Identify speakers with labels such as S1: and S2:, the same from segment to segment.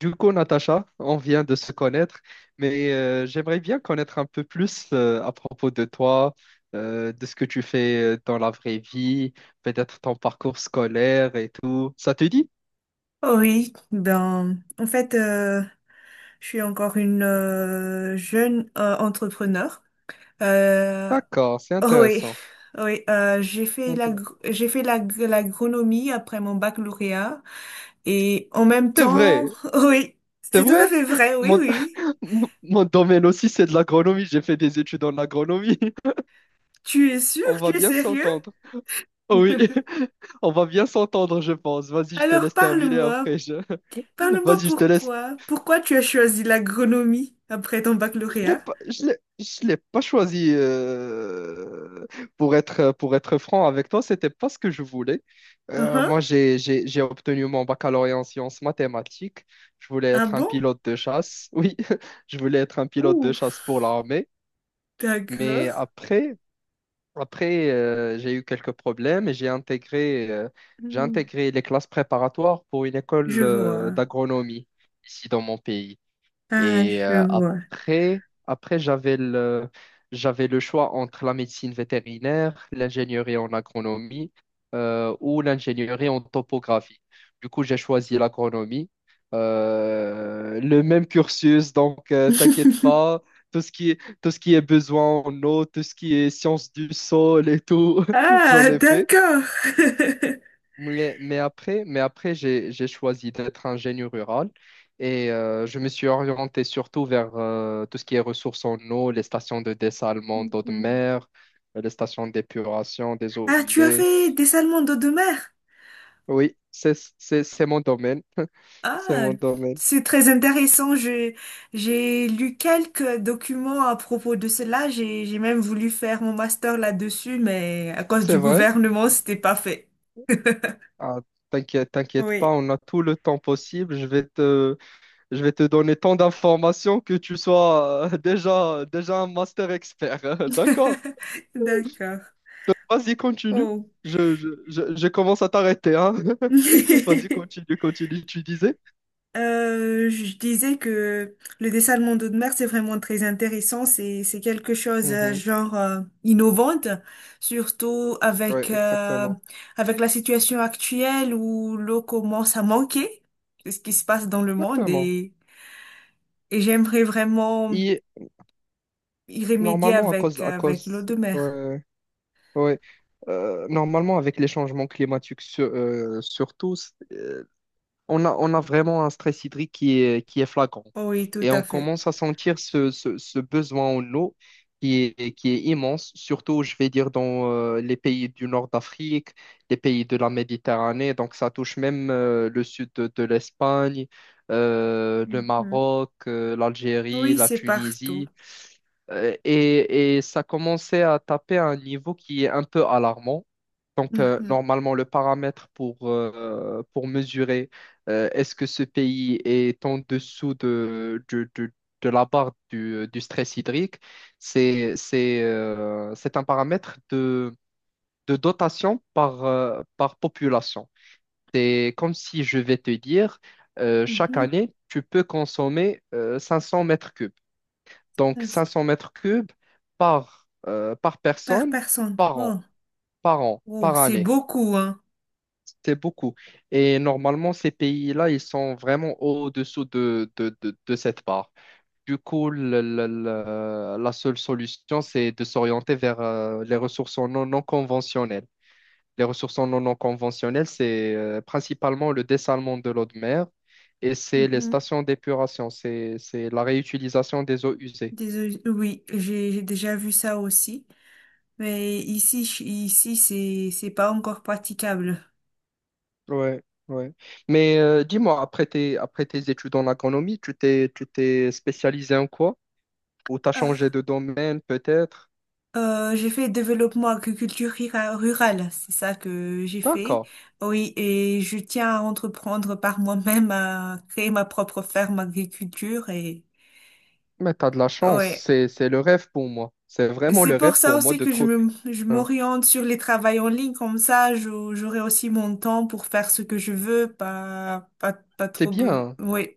S1: Du coup, Natacha, on vient de se connaître, mais j'aimerais bien connaître un peu plus à propos de toi, de ce que tu fais dans la vraie vie, peut-être ton parcours scolaire et tout. Ça te dit?
S2: Oh Oui, ben, en fait, euh, je suis encore une jeune entrepreneur. Euh,
S1: D'accord, c'est
S2: oh oui,
S1: intéressant.
S2: oh oui, euh, j'ai fait la,
S1: Intéressant.
S2: j'ai fait l'agronomie après mon baccalauréat et en même
S1: C'est
S2: temps,
S1: vrai,
S2: oui,
S1: c'est
S2: c'est tout à
S1: vrai.
S2: fait vrai, oui,
S1: Mon,
S2: oui.
S1: mon domaine aussi, c'est de l'agronomie. J'ai fait des études en agronomie.
S2: Tu es sûr?
S1: On va
S2: Tu es
S1: bien
S2: sérieux?
S1: s'entendre. Oui, on va bien s'entendre, je pense. Vas-y, je te
S2: Alors
S1: laisse terminer
S2: parle-moi,
S1: après.
S2: parle-moi
S1: Vas-y, je te laisse.
S2: pourquoi, pourquoi tu as choisi l'agronomie après ton
S1: Je l'ai
S2: baccalauréat?
S1: pas, je l'ai, je l'ai pas choisi pour être franc avec toi, c'était pas ce que je voulais.
S2: Uhum.
S1: Moi, j'ai obtenu mon baccalauréat en sciences mathématiques. Je voulais
S2: Ah
S1: être un
S2: bon?
S1: pilote de chasse. Oui, je voulais être un pilote de
S2: Ouf.
S1: chasse pour l'armée.
S2: D'accord.
S1: Mais après j'ai eu quelques problèmes et j'ai intégré, euh, j'ai
S2: Hmm,
S1: intégré les classes préparatoires pour une
S2: je
S1: école
S2: vois.
S1: d'agronomie ici dans mon pays.
S2: Ah,
S1: Et
S2: je vois.
S1: après j'avais le choix entre la médecine vétérinaire, l'ingénierie en agronomie ou l'ingénierie en topographie. Du coup, j'ai choisi l'agronomie. Le même cursus, donc t'inquiète pas, tout ce qui est besoin en eau, tout ce qui est science du sol et tout, j'en
S2: Ah,
S1: ai fait.
S2: d'accord.
S1: Mais après j'ai choisi d'être ingénieur rural et je me suis orienté surtout vers tout ce qui est ressources en eau, les stations de dessalement d'eau de
S2: Mhm.
S1: mer, les stations d'épuration des eaux
S2: Ah, tu as
S1: usées.
S2: fait des salmons d'eau de mer?
S1: Oui, c'est mon domaine. C'est
S2: Ah,
S1: mon domaine.
S2: c'est très intéressant. J'ai lu quelques documents à propos de cela. J'ai même voulu faire mon master là-dessus, mais à cause
S1: C'est
S2: du
S1: vrai?
S2: gouvernement, c'était pas fait.
S1: Ah, t'inquiète pas,
S2: Oui.
S1: on a tout le temps possible. Je vais te donner tant d'informations que tu sois déjà un master expert. D'accord?
S2: D'accord.
S1: Vas-y, continue.
S2: Oh.
S1: Je commence à t'arrêter, hein. Vas-y, continue, continue, tu disais.
S2: Je disais que le dessin de Monde de Mer, c'est vraiment très intéressant. C'est quelque chose
S1: Mhm.
S2: genre innovante, surtout
S1: Ouais, exactement.
S2: avec la situation actuelle où l'eau commence à manquer, c'est ce qui se passe dans le monde
S1: Exactement.
S2: et j'aimerais vraiment
S1: Et
S2: y remédier
S1: normalement,
S2: avec l'eau de mer.
S1: ouais, ouais. Normalement, avec les changements climatiques, surtout, on a vraiment un stress hydrique qui est flagrant.
S2: Oui, tout
S1: Et
S2: à
S1: on
S2: fait.
S1: commence à sentir ce besoin en eau qui est immense, surtout, je vais dire, dans les pays du nord d'Afrique, les pays de la Méditerranée. Donc, ça touche même le sud de l'Espagne, le
S2: Mhm.
S1: Maroc, l'Algérie,
S2: Oui,
S1: la
S2: c'est partout.
S1: Tunisie. Et ça commençait à taper à un niveau qui est un peu alarmant. Donc,
S2: Mhm.
S1: normalement, le paramètre pour mesurer est-ce que ce pays est en dessous de la barre du stress hydrique, c'est un paramètre de dotation par population. C'est comme si je vais te dire, chaque
S2: Mhm.
S1: année, tu peux consommer 500 mètres cubes. Donc,
S2: Yes.
S1: 500 mètres cubes par
S2: Par
S1: personne,
S2: personne.
S1: par
S2: Oh,
S1: an, par an,
S2: oh,
S1: par
S2: c'est
S1: année.
S2: beaucoup, hein.
S1: C'est beaucoup. Et normalement, ces pays-là, ils sont vraiment au-dessous de cette barre. Du coup, la seule solution, c'est de s'orienter vers les ressources non conventionnelles. Les ressources non conventionnelles, c'est principalement le dessalement de l'eau de mer et c'est les
S2: Mhm.
S1: stations d'épuration, c'est la réutilisation des eaux usées.
S2: Désolé. Oui, j'ai déjà vu ça aussi. Mais ici, ici, c'est pas encore praticable.
S1: Ouais, ouais. Mais dis-moi, après tes études en économie, tu t'es spécialisé en quoi? Ou t'as
S2: Euh,
S1: changé de domaine peut-être.
S2: J'ai fait développement agriculture rurale, c'est ça que j'ai fait.
S1: D'accord.
S2: Oui, et je tiens à entreprendre par moi-même à créer ma propre ferme agriculture et
S1: Mais t'as de la chance.
S2: ouais.
S1: C'est le rêve pour moi. C'est vraiment
S2: C'est
S1: le
S2: pour
S1: rêve
S2: ça
S1: pour moi
S2: aussi
S1: de
S2: que
S1: trouver.
S2: je
S1: Hein.
S2: m'oriente sur les travails en ligne, comme ça j'aurai aussi mon temps pour faire ce que je veux, pas
S1: C'est
S2: trop
S1: bien. Hein.
S2: Oui.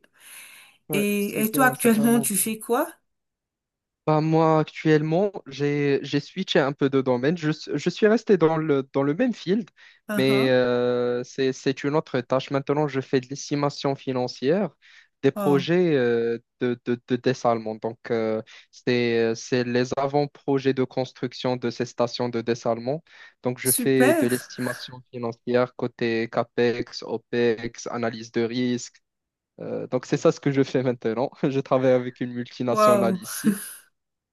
S1: Ouais, c'est
S2: Et toi
S1: bien. C'est
S2: actuellement
S1: vraiment
S2: tu fais quoi?
S1: Bah, moi, actuellement, j'ai switché un peu de domaine. Je suis resté dans le même field, mais
S2: Uh-huh.
S1: c'est une autre tâche. Maintenant, je fais de l'estimation financière des
S2: Oh,
S1: projets de dessalement. Donc, c'est les avant-projets de construction de ces stations de dessalement. Donc, je fais de
S2: super.
S1: l'estimation financière côté CAPEX, OPEX, analyse de risque. Donc, c'est ça ce que je fais maintenant. Je travaille avec une multinationale
S2: Wow.
S1: ici.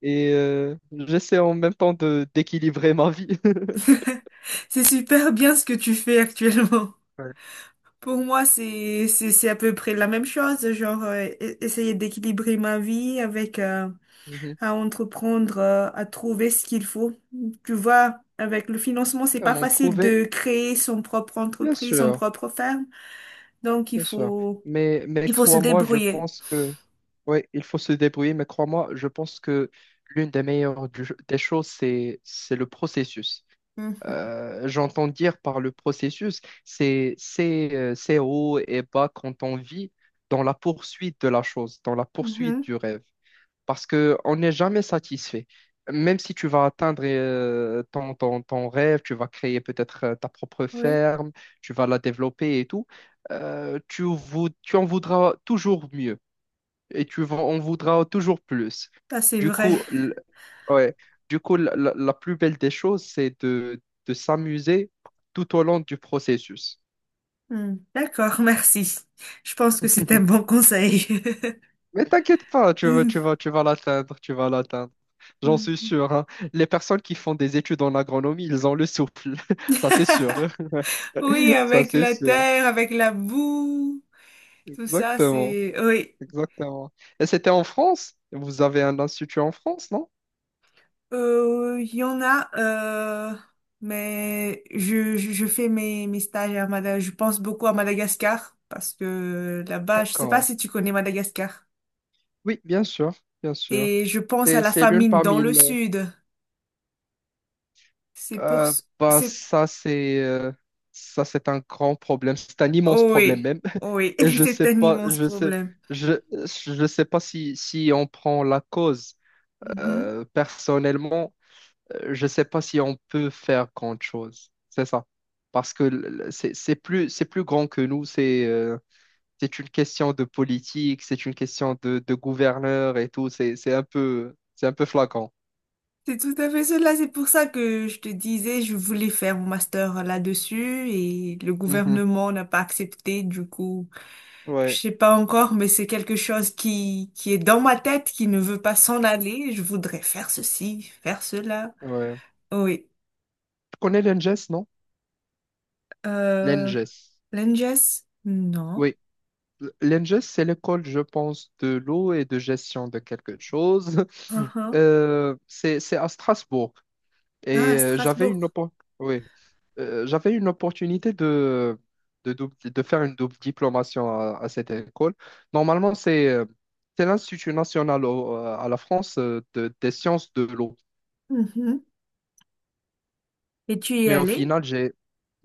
S1: Et j'essaie en même temps de d'équilibrer ma vie.
S2: C'est super bien ce que tu fais actuellement.
S1: Ouais.
S2: Pour moi, c'est à peu près la même chose, genre essayer d'équilibrer ma vie avec
S1: Mhm.
S2: à entreprendre, à trouver ce qu'il faut. Tu vois, avec le financement, c'est
S1: À
S2: pas
S1: m'en
S2: facile
S1: prouver,
S2: de créer son propre
S1: bien
S2: entreprise, son
S1: sûr,
S2: propre ferme, donc il
S1: bien sûr.
S2: faut
S1: Mais
S2: il faut se
S1: crois-moi, je
S2: débrouiller.
S1: pense que, oui, il faut se débrouiller, mais crois-moi, je pense que l'une des meilleures des choses, c'est le processus.
S2: Mhm.
S1: J'entends dire par le processus, c'est ces hauts et bas quand on vit dans la poursuite de la chose, dans la poursuite
S2: Mhm.
S1: du rêve. Parce que on n'est jamais satisfait. Même si tu vas atteindre ton rêve, tu vas créer peut-être ta propre
S2: Oui,
S1: ferme, tu vas la développer et tout, tu en voudras toujours mieux et tu en voudras toujours plus.
S2: ça c'est
S1: Du
S2: vrai.
S1: coup, l- ouais, du coup la plus belle des choses, c'est de s'amuser tout au long du processus.
S2: Hmm. D'accord, merci. Je pense que c'est un bon conseil.
S1: Mais t'inquiète pas, tu vas, tu vas, tu vas l'atteindre, tu vas l'atteindre. J'en suis
S2: Mhm.
S1: sûr, hein. Les personnes qui font des études en agronomie, ils ont le souple. Ça, c'est sûr.
S2: Oui,
S1: Ça,
S2: avec
S1: c'est
S2: la
S1: sûr.
S2: terre, avec la boue. Tout ça,
S1: Exactement.
S2: c'est... Oui.
S1: Exactement. Et c'était en France? Vous avez un institut en France, non?
S2: Il y en a, mais je fais mes stages à Madagascar. Je pense beaucoup à Madagascar parce que là-bas, je sais pas
S1: D'accord.
S2: si tu connais Madagascar.
S1: Oui, bien sûr, bien sûr.
S2: Et je pense à
S1: Et
S2: la
S1: c'est l'une
S2: famine dans
S1: parmi
S2: le sud. C'est pour...
S1: Euh,
S2: ce-
S1: Bah,
S2: C'est...
S1: ça, c'est un grand problème. C'est un immense
S2: Oh
S1: problème
S2: oui,
S1: même.
S2: oh oui,
S1: Et je
S2: c'est
S1: sais
S2: un
S1: pas,
S2: immense
S1: je sais,
S2: problème.
S1: je, je sais pas si on prend la cause.
S2: Mhm.
S1: Personnellement, je sais pas si on peut faire grand chose. C'est ça. Parce que c'est plus grand que nous. C'est une question de politique, c'est une question de gouverneur et tout. C'est un peu flagrant.
S2: C'est tout à fait cela. C'est pour ça que je te disais, je voulais faire mon master là-dessus et le
S1: Mhm.
S2: gouvernement n'a pas accepté. Du coup, je
S1: Ouais,
S2: sais pas encore, mais c'est quelque chose qui est dans ma tête, qui ne veut pas s'en aller. Je voudrais faire ceci, faire cela.
S1: ouais.
S2: Oui.
S1: Tu connais l'ENGES, non?
S2: Euh,
S1: L'ENGES.
S2: Langes? Non.
S1: Oui, l'ENGES, c'est l'école, je pense, de l'eau et de gestion de quelque chose.
S2: Uhum.
S1: C'est à Strasbourg. Et
S2: Ah,
S1: euh, j'avais une,
S2: Strasbourg.
S1: oppo- oui. J'avais une opportunité de faire une double diplomation à cette école. Normalement, c'est l'Institut national à la France des sciences de l'eau.
S2: Mhm. Et tu y es
S1: Mais au
S2: allé?
S1: final, j'ai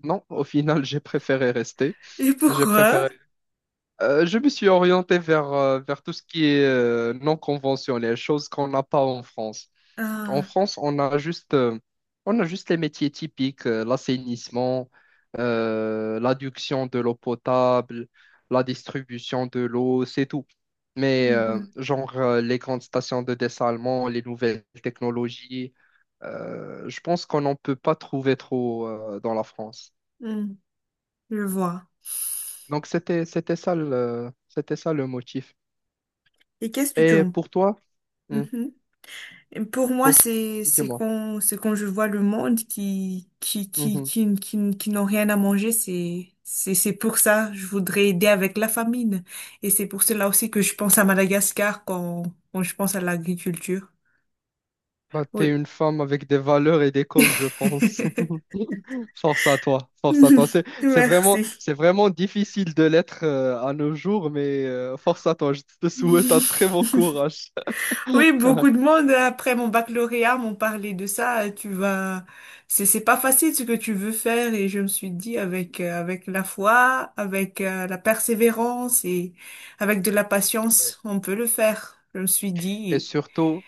S1: Non, au final, j'ai préféré rester.
S2: Et
S1: J'ai
S2: pourquoi?
S1: préféré Je me suis orienté vers tout ce qui est non conventionnel, choses qu'on n'a pas en France. En
S2: Ah,
S1: France, on a juste les métiers typiques, l'assainissement, l'adduction de l'eau potable, la distribution de l'eau, c'est tout. Mais
S2: mhm.
S1: genre les grandes stations de dessalement, les nouvelles technologies, je pense qu'on n'en peut pas trouver trop dans la France.
S2: Hmm. Je vois.
S1: Donc c'était ça le motif.
S2: Et qu'est-ce que tu
S1: Et
S2: en...
S1: pour toi, Hmm,
S2: Mhm. Pour moi,
S1: pour t- dis-moi.
S2: c'est quand je vois le monde qui qui qui
S1: Mhm.
S2: qui qui, qui n'ont rien à manger, c'est pour ça je voudrais aider avec la famine et c'est pour cela aussi que je pense à Madagascar quand quand je pense à l'agriculture.
S1: Bah, t'es
S2: Oui.
S1: une femme avec des valeurs et des causes, je pense. Force à toi, force à toi. C'est, c'est vraiment,
S2: Merci.
S1: c'est vraiment difficile de l'être à nos jours, mais force à toi. Je te souhaite un très bon courage.
S2: Oui, beaucoup de monde après mon baccalauréat m'ont parlé de ça. Tu vas, c'est pas facile ce que tu veux faire et je me suis dit avec la foi, avec la persévérance et avec de la
S1: Ouais.
S2: patience, on peut le faire. Je me suis
S1: Et
S2: dit
S1: surtout,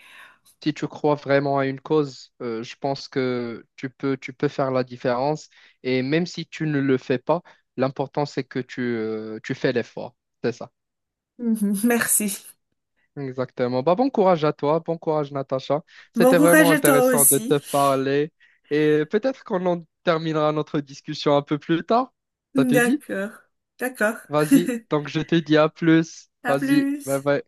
S1: si tu crois vraiment à une cause, je pense que tu peux faire la différence. Et même si tu ne le fais pas, l'important, c'est que tu fais l'effort. C'est ça.
S2: merci.
S1: Exactement. Bah, bon courage à toi, bon courage Natacha.
S2: Bon
S1: C'était
S2: courage
S1: vraiment
S2: à toi
S1: intéressant de
S2: aussi.
S1: te parler et peut-être qu'on en terminera notre discussion un peu plus tard. Ça te dit?
S2: D'accord, d'accord.
S1: Vas-y. Donc je te dis à plus.
S2: À
S1: Vas-y. Bye
S2: plus.
S1: bye.